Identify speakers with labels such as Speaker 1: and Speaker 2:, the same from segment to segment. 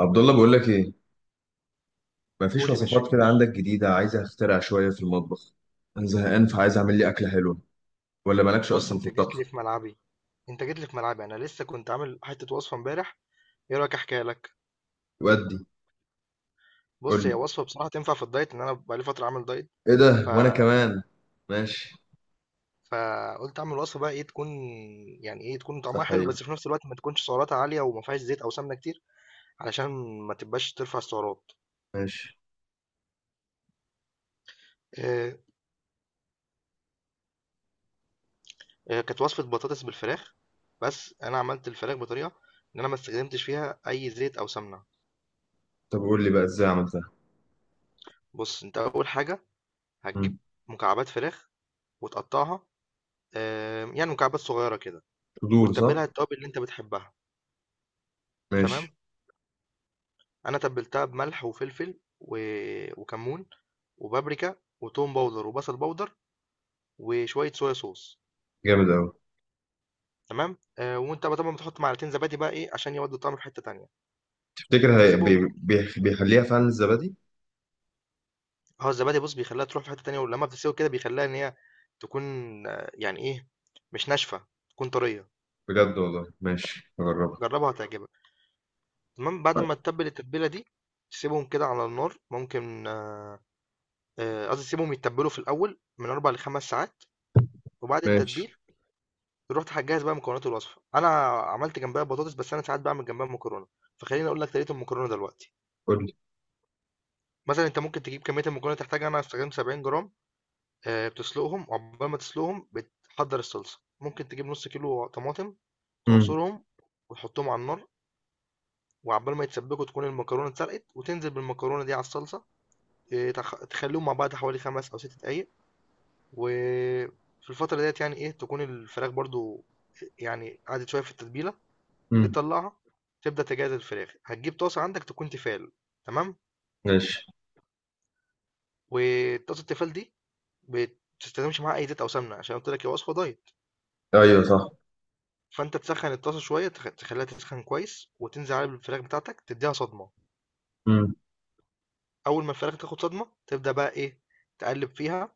Speaker 1: عبد الله، بقول لك ايه؟ مفيش
Speaker 2: قول يا باشا.
Speaker 1: وصفات كده عندك جديده؟ عايز اخترع شويه في المطبخ. انا زهقان، فعايز اعمل لي اكله حلوه، ولا مالكش
Speaker 2: بص،
Speaker 1: اصلا في
Speaker 2: انت جيت
Speaker 1: الطبخ؟
Speaker 2: لي في ملعبي. انا لسه كنت عامل حته وصفه امبارح. ايه رايك احكيها لك؟
Speaker 1: ودي.
Speaker 2: بص،
Speaker 1: قول
Speaker 2: هي
Speaker 1: لي.
Speaker 2: وصفه بصراحه تنفع في الدايت، ان انا بقالي فتره عامل دايت.
Speaker 1: ايه
Speaker 2: ف
Speaker 1: ده، وانا كمان. ماشي.
Speaker 2: فقلت اعمل وصفه، بقى ايه تكون؟ يعني ايه تكون طعمها حلو،
Speaker 1: صحيح.
Speaker 2: بس في نفس الوقت ما تكونش سعراتها عاليه وما فيهاش زيت او سمنه كتير، علشان ما تبقاش ترفع السعرات.
Speaker 1: ماشي.
Speaker 2: آه، كانت وصفه بطاطس بالفراخ. بس انا عملت الفراخ بطريقه ان انا ما استخدمتش فيها اي زيت او سمنه.
Speaker 1: طب قول لي بقى ازاي عملتها.
Speaker 2: بص، انت اول حاجه هتجيب
Speaker 1: مم.
Speaker 2: مكعبات فراخ وتقطعها، يعني مكعبات صغيرة كده،
Speaker 1: صدور، صح؟
Speaker 2: وتتبّلها التوابل اللي أنت بتحبها. تمام،
Speaker 1: ماشي.
Speaker 2: أنا تبّلتها بملح وفلفل وكمون وبابريكا وتوم باودر وبصل باودر وشوية صويا صوص.
Speaker 1: جامد قوي.
Speaker 2: تمام، وأنت بقى طبعًا بتحط معلقتين زبادي، بقى إيه، عشان يودّوا الطعم في حتّة تانية،
Speaker 1: تفتكر هي
Speaker 2: تسيبهم.
Speaker 1: بيخليها فعلا الزبادي؟
Speaker 2: آه، الزبادي بُص بيخلّيها تروح في حتّة تانية، ولمّا بتتسوي كده بيخلّيها إن هي تكون، آه، يعني إيه، مش ناشفة، تكون طرية.
Speaker 1: بجد والله، ماشي، هجربها.
Speaker 2: جرّبها هتعجبك. تمام، بعد
Speaker 1: طيب،
Speaker 2: ما تتبّل التتبيلة دي، تسيبهم كده على النار. ممكن قصدي تسيبهم يتبلوا في الأول من 4 ل5 ساعات. وبعد
Speaker 1: ماشي.
Speaker 2: التتبيل رحت هجهز بقى مكونات الوصفة. أنا عملت جنبها بطاطس، بس أنا ساعات بعمل جنبها مكرونة. فخليني أقول لك طريقة المكرونة دلوقتي.
Speaker 1: قول لي.
Speaker 2: مثلا أنت ممكن تجيب كمية المكرونة اللي تحتاجها. أنا استخدمت 70 جرام. آه، بتسلقهم، وعقبال ما تسلقهم بتحضر الصلصة. ممكن تجيب نص كيلو طماطم،
Speaker 1: مم.
Speaker 2: تعصرهم وتحطهم على النار، وعقبال ما يتسبكوا تكون المكرونة اتسلقت، وتنزل بالمكرونة دي على الصلصة. آه، تخليهم مع بعض حوالي 5 أو 6 دقايق. وفي الفترة ديت يعني ايه تكون الفراخ برضو، يعني قعدت شوية في التتبيلة،
Speaker 1: مم.
Speaker 2: تطلعها تبدأ تجهز الفراخ. هتجيب طاسة عندك تكون تيفال. تمام،
Speaker 1: ماشي.
Speaker 2: وطاسة التيفال دي بتستخدمش معاها أي زيت أو سمنة، عشان قلت لك هي وصفة دايت.
Speaker 1: ايوه صح.
Speaker 2: فأنت تسخن الطاسة شوية، تخليها تسخن كويس، وتنزل عليها بالفراخ بتاعتك، تديها صدمة.
Speaker 1: مم.
Speaker 2: أول ما الفراخ تاخد صدمة تبدأ بقى إيه، تقلب فيها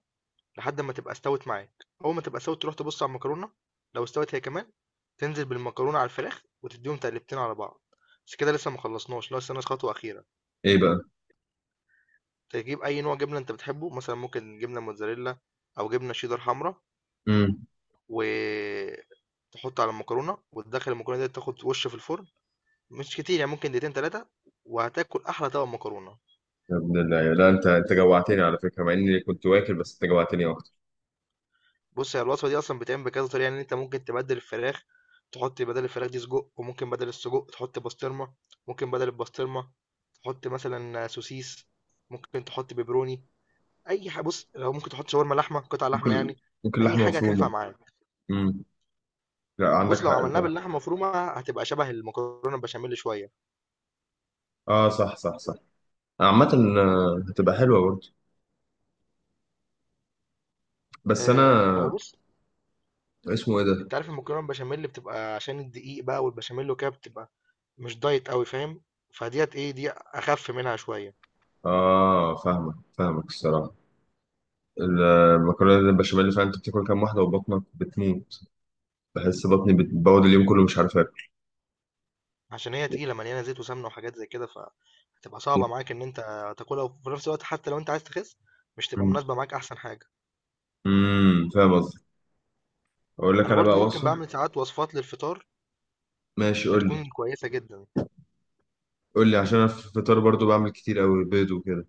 Speaker 2: لحد أمّا تبقى استوت معاك. أول ما تبقى استوت تروح تبُص على المكرونة، لو استوت هي كمان تنزل بالمكرونة على الفراخ وتدّيهم تقلبتين على بعض. بس كده لسه ما خلّصناش، لسه ناقص خطوة أخيرة.
Speaker 1: ايه بقى؟
Speaker 2: تجيب أي نوع جبنة أنت بتحبه، مثلًا ممكن جبنة موتزاريلا أو جبنة شيدر حمرا،
Speaker 1: مم.
Speaker 2: وتحط على المكرونة، وتدخّل المكرونة ديّة تاخد وِش في الفرن. مش كتير، يعني ممكن دقيقتين 3، وهتاكل أحلى طبق مكرونة.
Speaker 1: يا ابن الله، لا، انت جوعتني على فكره، مع اني كنت واكل، بس انت جوعتني اكتر.
Speaker 2: بص، هي الوصفة دي أصلا بتتعمل بكذا طريقة. يعني أنت ممكن تبدل الفراخ، تحط بدل الفراخ دي سجق، وممكن بدل السجق تحط بسطرمة، ممكن بدل البسطرمة تحط مثلا سوسيس، ممكن تحط بيبروني. أي حاجة. بص لو ممكن تحط شاورما لحمة، قطع
Speaker 1: ممكن.
Speaker 2: لحمة يعني.
Speaker 1: ممكن
Speaker 2: أي
Speaker 1: لحمه
Speaker 2: حاجة هتنفع
Speaker 1: مفرومه.
Speaker 2: معاك.
Speaker 1: امم. لا، عندك
Speaker 2: بص لو
Speaker 1: حق
Speaker 2: عملناها
Speaker 1: فعلا.
Speaker 2: باللحمة مفرومة هتبقى شبه المكرونة البشاميل شوية.
Speaker 1: اه، صح صح صح. عامه. آه، هتبقى حلوه برضه. بس انا.
Speaker 2: أه، ما هو بص،
Speaker 1: اسمه ايه ده؟
Speaker 2: أنت عارف المكرونة البشاميل بتبقى عشان الدقيق بقى والبشاميل وكده، بتبقى مش دايت قوي، فاهم؟ فديت إيه دي أخف منها شوية،
Speaker 1: اه، فاهمك فاهمك، الصراحه. المكرونه البشاميل، اللي فعلا انت بتاكل كام واحده وبطنك بتموت. بحس بطني بتبوظ، اليوم كله مش عارف اكل.
Speaker 2: عشان هي تقيلة مليانة زيت وسمنة وحاجات زي كده، فهتبقى صعبة معاك ان انت تاكلها، وفي نفس الوقت حتى لو انت عايز تخس مش تبقى
Speaker 1: امم.
Speaker 2: مناسبة معاك احسن حاجة.
Speaker 1: فاهم قصدي؟ اقول لك
Speaker 2: انا
Speaker 1: انا
Speaker 2: برضو
Speaker 1: بقى
Speaker 2: ممكن
Speaker 1: وصفه.
Speaker 2: بعمل ساعات وصفات للفطار
Speaker 1: ماشي، قول لي.
Speaker 2: بتكون كويسة جدا.
Speaker 1: قول لي، عشان انا في الفطار برضو بعمل كتير قوي، بيض وكده.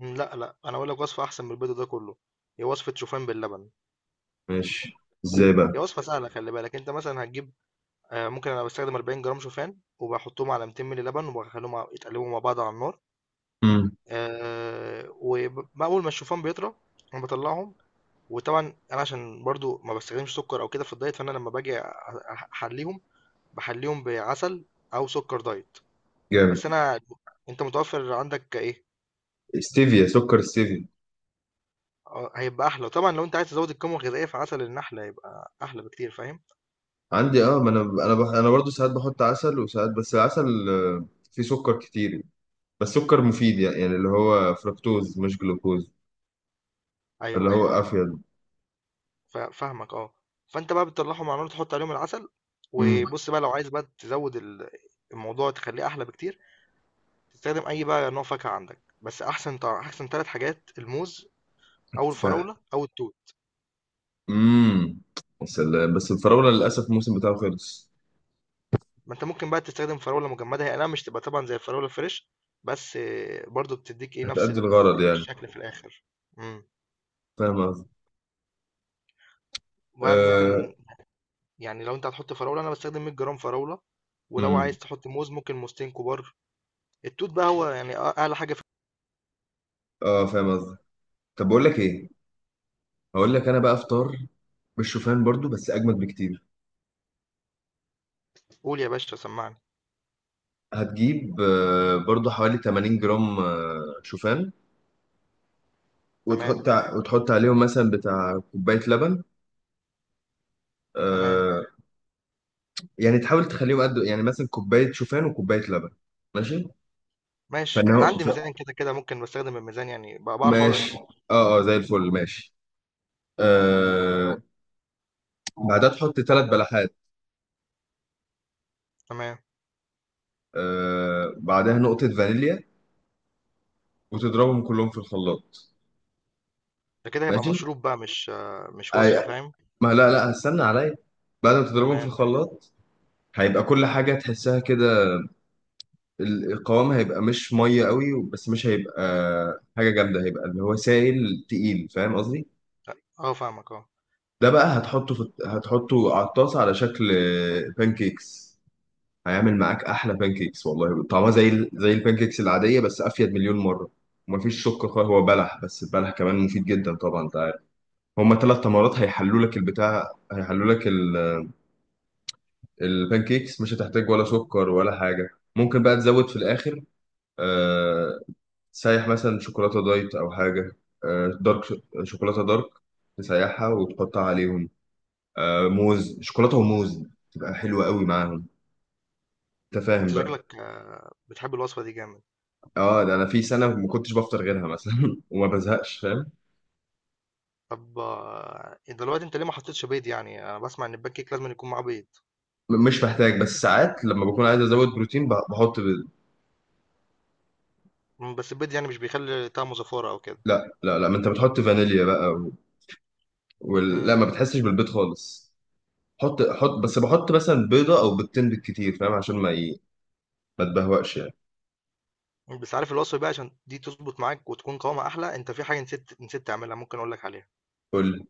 Speaker 2: مم، لا، انا اقول لك وصفة احسن من البيض ده كله. هي وصفة شوفان باللبن.
Speaker 1: ماشي. ازاي
Speaker 2: هي
Speaker 1: بقى؟
Speaker 2: وصفة سهلة. خلي بالك، انت مثلا هتجيب، آه، ممكن انا بستخدم 40 جرام شوفان، وبحطهم على 200 مللي لبن، وبخليهم يتقلبوا مع بعض على النار.
Speaker 1: امم.
Speaker 2: آه، وأول ما الشوفان بيطرى أنا بطلعهم. وطبعًا أنا عشان برضه ما باستخدمش سُكّر أو كده في الدايت، فأنا لمّا باجي أ أح أحلّيهم، باحلّيهم بعسل أو سُكّر دايت. بس
Speaker 1: جامد.
Speaker 2: أنا أنت متوفّر عندك إيه،
Speaker 1: ستيفيا، سكر ستيفيا.
Speaker 2: آه، هيبقى أحلى. وطبعًا لو أنت عايز تزوّد القيمة الغذائية فعسل النحل هيبقى أحلى بكتير، فاهم؟
Speaker 1: عندي، اه، ما انا انا برضو ساعات بحط عسل وساعات، بس العسل فيه سكر كتير. بس سكر مفيد، يعني اللي هو فركتوز مش جلوكوز. اللي
Speaker 2: أيوه، أيوه،
Speaker 1: هو افيد.
Speaker 2: فاهمك آه. فأنت بقى بتطلّعهم على النار، تحُط عليهم العسل.
Speaker 1: امم.
Speaker 2: وبُص بقى لو عايز بقى تزوّد الموضوع تخلّيه أحلى بكتير. تستخدم أي بقى نوع فاكهة عندك، بس أحسن 3 حاجات: الموز أو
Speaker 1: تفاح.
Speaker 2: الفراولة أو التوت.
Speaker 1: امم. يا سلام، بس الفراولة للاسف الموسم بتاعه خلص.
Speaker 2: ما أنت ممكن بقى تستخدم فراولة مجمدة. هي أي نعم مش تبقى طبعًا زي الفراولة الفريش، بس برضه بتدّيك إيه، نفس
Speaker 1: هتأدي الغرض يعني.
Speaker 2: الشكل في الآخر. إمم.
Speaker 1: فاهم قصدي؟
Speaker 2: وبقى
Speaker 1: آه...
Speaker 2: ممكن يعني لو أنت هتحط فراولة أنا باستخدم 100 جرام فراولة، ولو
Speaker 1: امم.
Speaker 2: عايز تحط موز ممكن موزتين كبار. التوت بقى هو يعني أعلى حاجة في.
Speaker 1: اه، فاهم قصدي. طب بقول لك ايه. هقول لك انا بقى افطار بالشوفان برضو، بس اجمد بكتير.
Speaker 2: قُل يا باشا، سمّعني.
Speaker 1: هتجيب برضو حوالي 80 جرام شوفان.
Speaker 2: تمام.
Speaker 1: وتحط عليهم مثلا بتاع كوباية لبن.
Speaker 2: تمام.
Speaker 1: آه، يعني تحاول تخليهم قد، يعني مثلا كوباية شوفان وكوباية لبن. ماشي. فان
Speaker 2: ماشي. أنا
Speaker 1: هو
Speaker 2: عندي
Speaker 1: ف-
Speaker 2: ميزان كده، كده ممكن باستخدم الميزان، يعني باعرف أو
Speaker 1: ماشي.
Speaker 2: يعني.
Speaker 1: اه، اه، زي الفل، ماشي. آه، بعدها تحط 3 بلحات.
Speaker 2: تمام.
Speaker 1: بعدها نقطة فانيليا، وتضربهم كلهم في الخلاط.
Speaker 2: ده كده هيبقى
Speaker 1: ماشي.
Speaker 2: مشروب بقى، مش آه، مش وصفة،
Speaker 1: أي-
Speaker 2: فاهم؟
Speaker 1: ما، لا، لا، هستنى عليا. بعد ما تضربهم في
Speaker 2: تمام.
Speaker 1: الخلاط، هيبقى كل حاجة تحسها كده. القوام هيبقى مش ميه قوي، بس مش هيبقى حاجه جامده، هيبقى اللي هو سائل تقيل، فاهم قصدي؟
Speaker 2: أ آه فاهمك آه.
Speaker 1: ده بقى هتحطه على الطاسه على شكل بانكيكس. هيعمل معاك احلى بانكيكس، والله طعمها زي البانكيكس العاديه، بس افيد مليون مره. ومفيش سكر خالص، هو بلح، بس البلح كمان مفيد جدا، طبعا انت عارف. هما ثلاث
Speaker 2: إمم.
Speaker 1: تمرات هيحلوا لك البتاع، هيحلوا لك البانكيكس، مش هتحتاج ولا سكر ولا حاجه. ممكن بقى تزود في الاخر. آه، تسيح مثلا شوكولاتة دايت أو حاجة. آه، دارك ش- شوكولاتة دارك، تسيحها وتحطها عليهم. موز، شوكولاتة وموز، تبقى حلوة قوي معاهم. أنت فاهم
Speaker 2: أنت
Speaker 1: بقى؟
Speaker 2: شكلك آه، بتحب الوصفة دي جامد.
Speaker 1: اه، ده انا في سنه ما كنتش بفطر غيرها مثلا وما بزهقش، فاهم؟
Speaker 2: طب آه، دلوقتي انت ليه ما حطيتش بيض؟ يعني انا بسمع ان البان كيك لازم يكون معاه بيض.
Speaker 1: مش محتاج، بس ساعات لما بكون عايز ازود بروتين، بحط.
Speaker 2: مم، بس البيض يعني مش بيخلي طعمه زفاره او كده؟
Speaker 1: لا، لا، لا، ما انت بتحط فانيليا بقى. لا،
Speaker 2: مم.
Speaker 1: ما بتحسش بالبيض خالص. حط حط، بس بحط مثلا بيضه او بيضتين بالكتير، فاهم؟ عشان ما تبهوأش يعني.
Speaker 2: بس عارف الوصفه بقى، عشان دي تظبط معاك وتكون قوامها احلى، انت في حاجه نسيت تعملها، ممكن اقول لك عليها.
Speaker 1: قول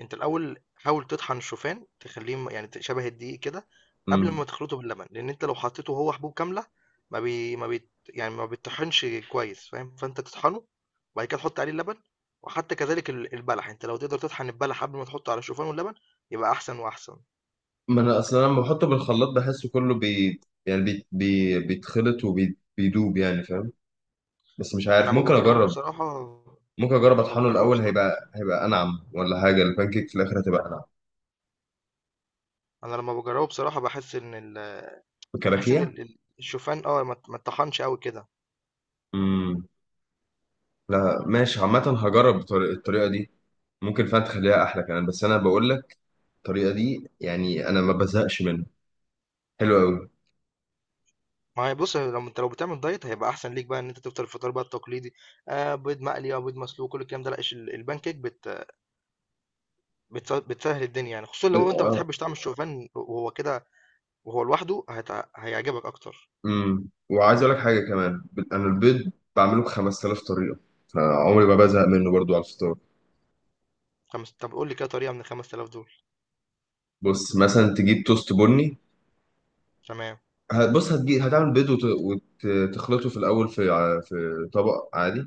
Speaker 2: أنت الأول حاول تطحن الشوفان تخلّيه م يعني ت شبه الدقيق كده قبل
Speaker 1: لي.
Speaker 2: ما تخلطه باللبن، لإن أنت لو حطيته وهو حبوب كاملة ما بي ما بيت يعني ما بيتطحنش كويس، فاهم؟ فأنت تطحنه، وبعد كده تحط عليه اللبن. وحتى كذلك البلح، أنت لو تقدر تطحن البلح قبل ما تحطه على الشوفان واللبن يبقى أحسن وأحسن.
Speaker 1: ما انا اصلا لما بحطه بالخلاط، بحسه كله يعني بيتخلط وبيدوب يعني، فاهم؟ بس مش
Speaker 2: أنا
Speaker 1: عارف،
Speaker 2: أمّا
Speaker 1: ممكن
Speaker 2: باجرّبه
Speaker 1: اجرب.
Speaker 2: بصراحة
Speaker 1: ممكن اجرب
Speaker 2: لمّا
Speaker 1: اطحنه
Speaker 2: باجرّبه
Speaker 1: الاول،
Speaker 2: بصراحة
Speaker 1: هيبقى انعم، ولا حاجه البانكيك في الاخر هتبقى انعم.
Speaker 2: أنا لمّا باجرّبه بصراحة باحس إن ال باحس إن
Speaker 1: الكلاكيع.
Speaker 2: ال ال الشوفان آه ما اتطحنش أوي كده.
Speaker 1: امم. لا، ماشي، عامه. هجرب الطريقه دي. ممكن فعلا تخليها احلى كمان، بس انا بقول لك الطريقه دي يعني انا ما بزهقش منها، حلوه قوي.
Speaker 2: ما هي بُص، لو بتعمل دايت هيبقى أحسن ليك بقى إن أنت تفطر الفطار بقى التقليدي، بيض مقلي أو بيض مسلوق كل الكلام ده، لأ الpancake بت بتس بتسهّل الدنيا يعني، خصوصًا لو أنت ما
Speaker 1: اه.
Speaker 2: بتحبش طعم الشوفان وهو كده وهو لوحده هيعجبك أكتر.
Speaker 1: امم. وعايز اقول لك حاجه كمان، انا البيض بعمله ب 5,000 طريقه، فعمري ما بزهق منه برضو على الفطار.
Speaker 2: طب قُل لي كده طريقة من ال5000 دول.
Speaker 1: بص مثلا تجيب توست بني.
Speaker 2: تمام،
Speaker 1: بص، هتجيب هتعمل بيض، وتخلطه في الأول في طبق عادي.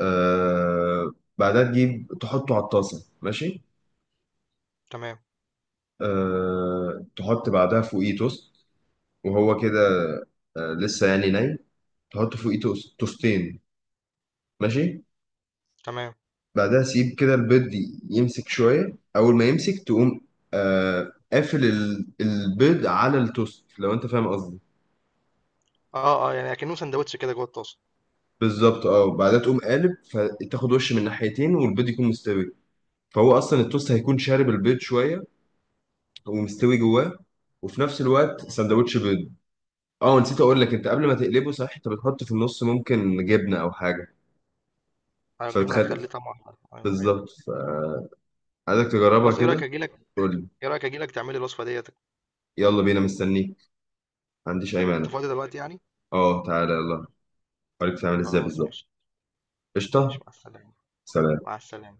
Speaker 1: آه بعدها تجيب تحطه على الطاسة، ماشي.
Speaker 2: تمام،
Speaker 1: تحط بعدها فوقيه توست، وهو كده. لسه يعني ناي، تحط فوقيه توست توستين. ماشي.
Speaker 2: تمام.
Speaker 1: بعدها سيب كده البيض يمسك شوية، أول ما يمسك تقوم قافل البيض على التوست، لو أنت فاهم قصدي.
Speaker 2: آه، آه، يعني أكنّه ساندوتش كده جوّه الطاسة.
Speaker 1: بالظبط، اه، وبعدها تقوم قالب، فتاخد وش من ناحيتين والبيض يكون مستوي، فهو اصلا التوست هيكون شارب البيض شويه، ومستوي جواه، وفي نفس الوقت
Speaker 2: إمم.
Speaker 1: سندوتش بيض. اه، نسيت اقول لك، انت قبل ما تقلبه، صح؟ انت بتحط في النص ممكن جبنه او حاجه،
Speaker 2: أيوه، الجبنة
Speaker 1: فبتخلي.
Speaker 2: هتخلّيه طعمه أحلى. أيوه، أيوه.
Speaker 1: بالظبط. فعايزك تجربها
Speaker 2: خلاص، إيه رأيك
Speaker 1: كده.
Speaker 2: آجي لك،
Speaker 1: قول لي.
Speaker 2: تعمل لي الوصفة ديّة؟
Speaker 1: يلا بينا، مستنيك، ما عنديش اي مانع.
Speaker 2: أنت فاضي دلوقتي يعني؟
Speaker 1: اه، تعالى يلا، اوريك تعمل ازاي
Speaker 2: خلاص
Speaker 1: بالظبط.
Speaker 2: ماشي. ماشي،
Speaker 1: قشطه.
Speaker 2: مع السلامة.
Speaker 1: سلام.
Speaker 2: مع السلامة.